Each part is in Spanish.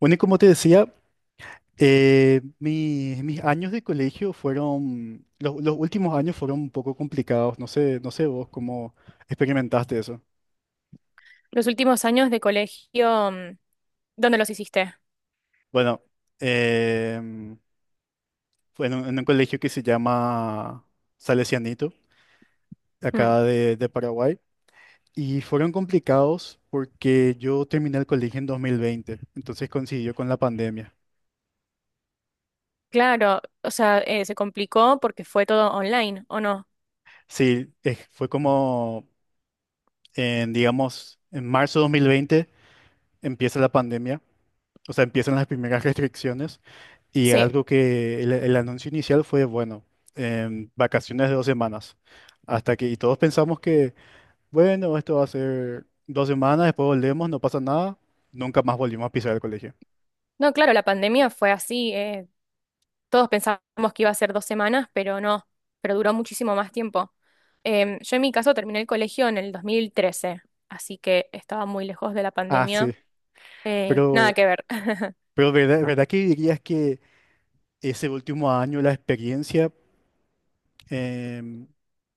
Bueno, y como te decía, mis años de colegio fueron, los últimos años fueron un poco complicados. No sé, no sé vos cómo experimentaste eso. Los últimos años de colegio, ¿dónde los hiciste? Bueno, em, fue en un colegio que se llama Salesianito, Mm, acá de Paraguay, y fueron complicados porque yo terminé el colegio en 2020, entonces coincidió con la pandemia. claro, o sea, se complicó porque fue todo online, ¿o no? Sí, fue como en, digamos, en marzo de 2020 empieza la pandemia. O sea, empiezan las primeras restricciones, y Sí, algo que el anuncio inicial fue, bueno, vacaciones de 2 semanas. Hasta que, y todos pensamos que, bueno, esto va a ser 2 semanas, después volvemos, no pasa nada, nunca más volvimos a pisar el colegio. no, claro, la pandemia fue así. Todos pensábamos que iba a ser dos semanas, pero no, pero duró muchísimo más tiempo. Yo en mi caso terminé el colegio en el 2013, así que estaba muy lejos de la Ah, sí, pandemia. Nada pero, que ver. pero ¿verdad, verdad que dirías que ese último año, la experiencia, em,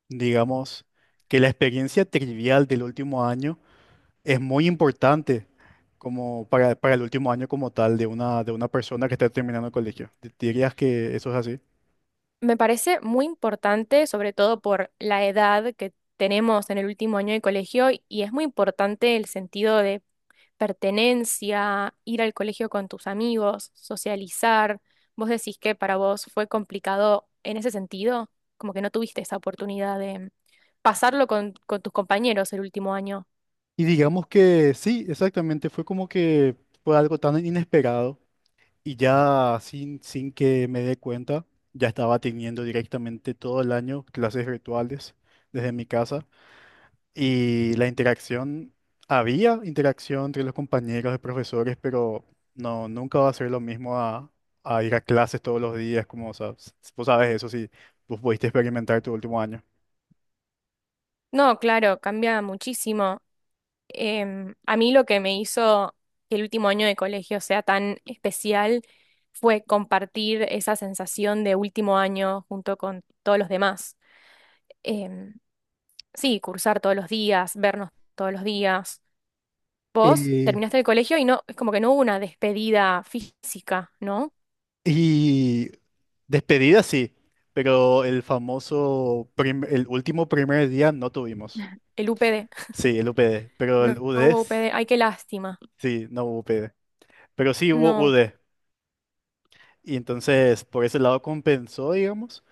digamos, que la experiencia trivial del último año es muy importante como para el último año como tal de una persona que está terminando el colegio? ¿Dirías que eso es así? Me parece muy importante, sobre todo por la edad que tenemos en el último año de colegio, y es muy importante el sentido de pertenencia, ir al colegio con tus amigos, socializar. ¿Vos decís que para vos fue complicado en ese sentido? Como que no tuviste esa oportunidad de pasarlo con tus compañeros el último año. Y digamos que sí, exactamente, fue como que fue algo tan inesperado y ya sin, sin que me dé cuenta, ya estaba teniendo directamente todo el año clases virtuales desde mi casa. Y la interacción, había interacción entre los compañeros de profesores, pero no, nunca va a ser lo mismo a ir a clases todos los días, como, o sea, vos sabes eso, si vos pudiste experimentar tu último año. No, claro, cambia muchísimo. A mí lo que me hizo que el último año de colegio sea tan especial fue compartir esa sensación de último año junto con todos los demás. Em, sí, cursar todos los días, vernos todos los días. Vos Eh, terminaste el colegio y no, es como que no hubo una despedida física, ¿no? y despedida sí, pero el famoso, el último primer día no tuvimos. El UPD, Sí, el UPD, pero el no, no UD, hubo UPD, ay, qué lástima, sí, no hubo UPD, pero sí hubo no. UD. Y entonces, por ese lado compensó, digamos.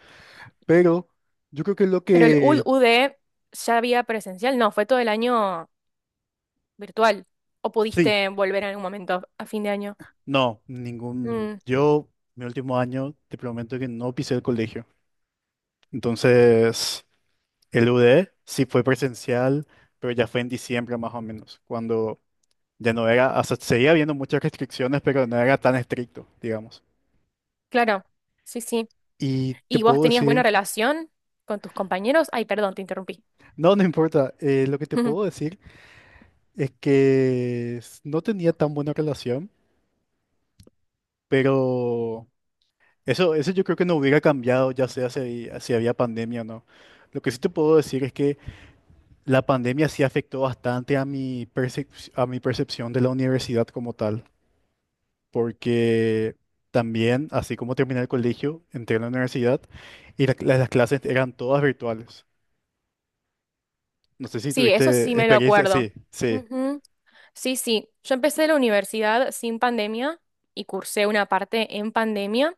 Pero yo creo que lo Pero el que UD ya había presencial, no, fue todo el año virtual. ¿O sí, pudiste volver en algún momento a fin de año? no, ningún. Mm, Yo, mi último año, te prometo que no pisé el colegio. Entonces, el UD sí fue presencial, pero ya fue en diciembre más o menos, cuando ya no era, o sea, seguía habiendo muchas restricciones, pero no era tan estricto, digamos. claro, sí, sí. Y te ¿Y vos puedo tenías buena decir, relación con tus compañeros? Ay, perdón, te interrumpí. no, no importa, lo que te puedo decir es que no tenía tan buena relación, pero. Eso yo creo que no hubiera cambiado, ya sea si había, si había pandemia o no. Lo que sí te puedo decir es que la pandemia sí afectó bastante a a mi percepción de la universidad como tal, porque también, así como terminé el colegio, entré a la universidad y las clases eran todas virtuales. No sé si Sí, eso sí tuviste me lo experiencia, acuerdo. sí, sí. Ujú. Sí, sí. Yo empecé la universidad sin pandemia y cursé una parte en pandemia,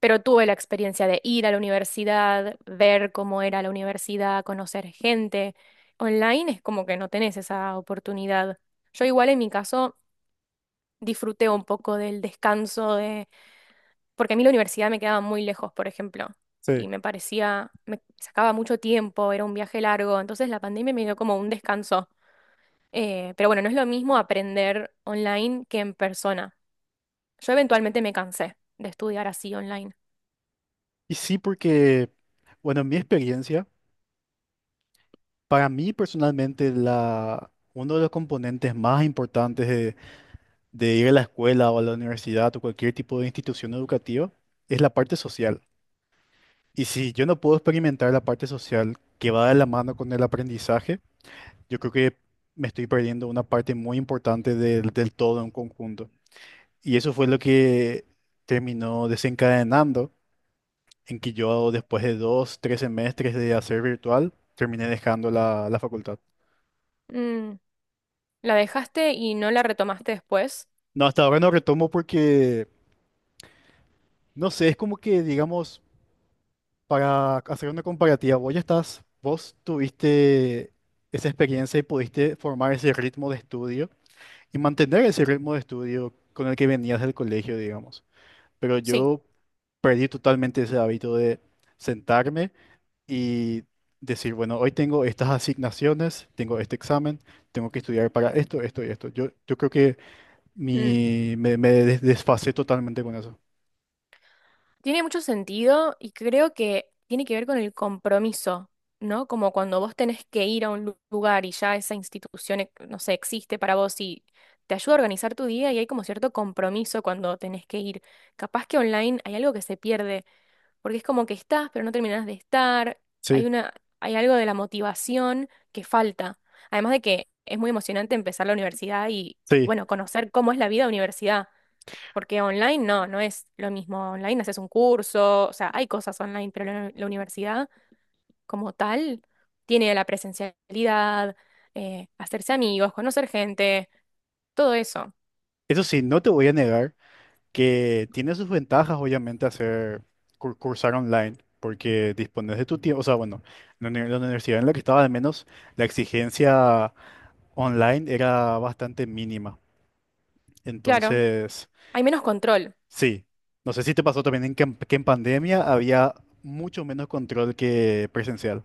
pero tuve la experiencia de ir a la universidad, ver cómo era la universidad, conocer gente. Online es como que no tenés esa oportunidad. Yo igual en mi caso disfruté un poco del descanso de, porque a mí la universidad me quedaba muy lejos, por ejemplo, Sí. y me parecía, me sacaba mucho tiempo, era un viaje largo, entonces la pandemia me dio como un descanso. Pero bueno, no es lo mismo aprender online que en persona. Yo eventualmente me cansé de estudiar así online. Y sí, porque, bueno, en mi experiencia, para mí personalmente, la, uno de los componentes más importantes de ir a la escuela o a la universidad o cualquier tipo de institución educativa es la parte social. Y si yo no puedo experimentar la parte social que va de la mano con el aprendizaje, yo creo que me estoy perdiendo una parte muy importante del, del todo en conjunto. Y eso fue lo que terminó desencadenando en que yo después de dos, tres semestres de hacer virtual, terminé dejando la facultad. Mm, ¿la dejaste y no la retomaste después? No, hasta ahora no retomo porque no sé, es como que, digamos, para hacer una comparativa, vos ya estás, vos tuviste esa experiencia y pudiste formar ese ritmo de estudio y mantener ese ritmo de estudio con el que venías del colegio, digamos. Pero Sí. yo perdí totalmente ese hábito de sentarme y decir, bueno, hoy tengo estas asignaciones, tengo este examen, tengo que estudiar para esto, esto y esto. Yo creo que Mm. mi, desfasé totalmente con eso. Tiene mucho sentido y creo que tiene que ver con el compromiso, ¿no? Como cuando vos tenés que ir a un lugar y ya esa institución, no sé, existe para vos y te ayuda a organizar tu día y hay como cierto compromiso cuando tenés que ir. Capaz que online hay algo que se pierde, porque es como que estás, pero no terminás de estar. Hay Sí, una, hay algo de la motivación que falta. Además de que es muy emocionante empezar la universidad y, sí. bueno, conocer cómo es la vida de universidad. Porque online no, no es lo mismo. Online haces un curso, o sea, hay cosas online, pero la universidad como tal tiene la presencialidad, hacerse amigos, conocer gente, todo eso. Eso sí, no te voy a negar que tiene sus ventajas, obviamente, hacer cursar online, porque dispones de tu tiempo. O sea, bueno, la universidad en la que estaba, al menos, la exigencia online era bastante mínima. Claro, Entonces, hay menos control. sí. No sé si te pasó también en que, en que en pandemia había mucho menos control que presencial.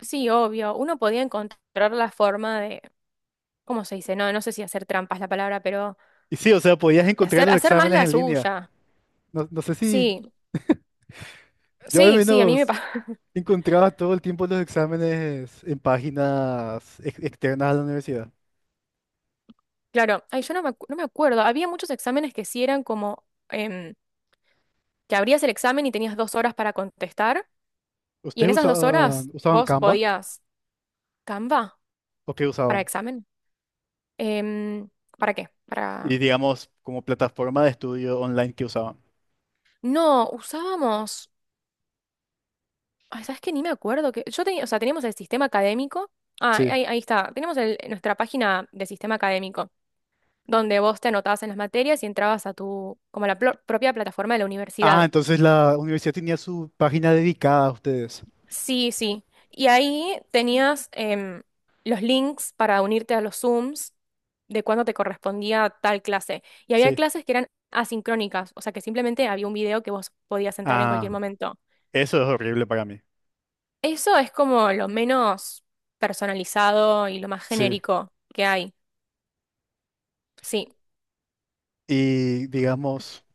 Sí, obvio, uno podía encontrar la forma de, ¿cómo se dice? No, no sé si hacer trampas la palabra, pero Y sí, o sea, podías de encontrar hacer, los hacer más exámenes la en línea. suya. No, no sé si Sí, yo al sí, sí, a mí me menos pasa. encontraba todo el tiempo los exámenes en externas a la universidad. Claro, ay, yo no me, no me acuerdo. Había muchos exámenes que sí eran como... em, que abrías el examen y tenías dos horas para contestar, y en ¿Ustedes esas dos usaban, horas usaban vos Canva podías Canva o qué para usaban? examen. Em, ¿Para qué? Y Para... digamos, como plataforma de estudio online que usaban. No, usábamos... Ay, ¿sabes qué? Ni me acuerdo que... Yo tenía, o sea, teníamos el sistema académico. Ah, Sí. ahí, ahí está. Tenemos el- nuestra página de sistema académico, donde vos te anotabas en las materias y entrabas a tu, como a la plo- propia plataforma de la Ah, universidad. entonces la universidad tenía su página dedicada a ustedes. Sí, sí. Y ahí tenías los links para unirte a los Zooms de cuándo te correspondía tal clase. Y había Sí. clases que eran asincrónicas, o sea que simplemente había un video que vos podías entrar en cualquier Ah, momento. eso es horrible para mí. Eso es como lo menos personalizado y lo más Sí. genérico que hay. Sí. Y digamos,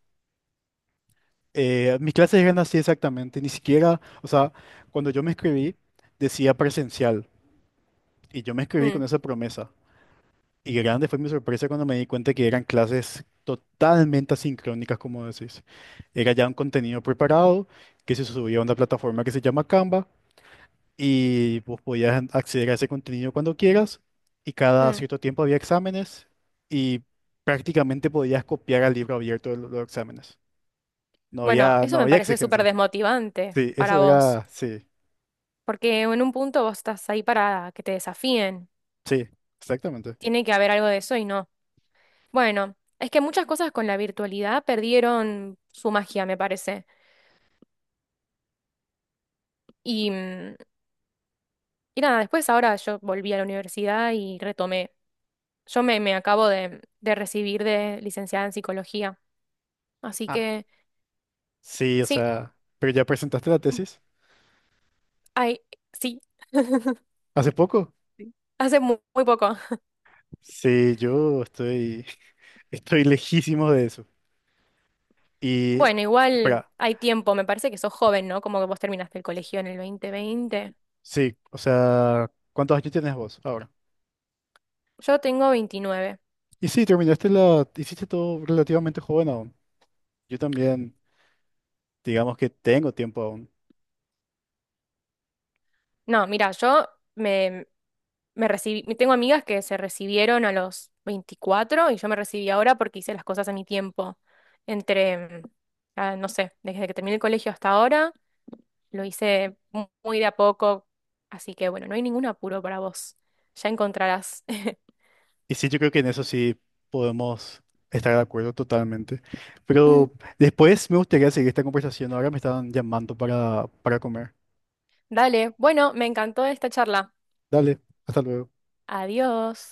mis clases eran así exactamente. Ni siquiera, o sea, cuando yo me escribí, decía presencial. Y yo me escribí con Mm, esa promesa. Y grande fue mi sorpresa cuando me di cuenta que eran clases totalmente asincrónicas, como decís. Era ya un contenido preparado que se subía a una plataforma que se llama Canva y vos podías acceder a ese contenido cuando quieras, y cada mm. cierto tiempo había exámenes y prácticamente podías copiar al libro abierto de los exámenes. No Bueno, había, eso no me había parece súper exigencia. desmotivante Sí, para eso vos, era, sí, porque en un punto vos estás ahí para que te desafíen. sí, exactamente. Tiene que haber algo de eso y no. Bueno, es que muchas cosas con la virtualidad perdieron su magia, me parece. Y, mm, y nada, después ahora yo volví a la universidad y retomé. Yo me, me acabo de recibir de licenciada en psicología. Así Ah, que sí, o sí, sea, pero ya presentaste la tesis hay, sí, hace poco. hace muy, poco. Sí, yo estoy... Estoy lejísimo de eso. Y, Bueno, igual espera, hay tiempo, me parece que sos joven, ¿no? Como que vos terminaste el colegio en el 2020. sí, o sea, ¿cuántos años tienes vos ahora? Yo tengo 29. Y sí, terminaste la, hiciste todo relativamente joven aún. Yo también, digamos que tengo tiempo aún. No, mira, yo me recibí, tengo amigas que se recibieron a los 24 y yo me recibí ahora porque hice las cosas a mi tiempo. Entre, no sé, desde que terminé el colegio hasta ahora, lo hice muy de a poco. Así que bueno, no hay ningún apuro para vos. Ya encontrarás. Y sí, yo creo que en eso sí podemos estar de acuerdo totalmente. Mm. Pero después me gustaría seguir esta conversación. Ahora me están llamando para comer. Dale, bueno, me encantó esta charla. Dale, hasta luego. Adiós.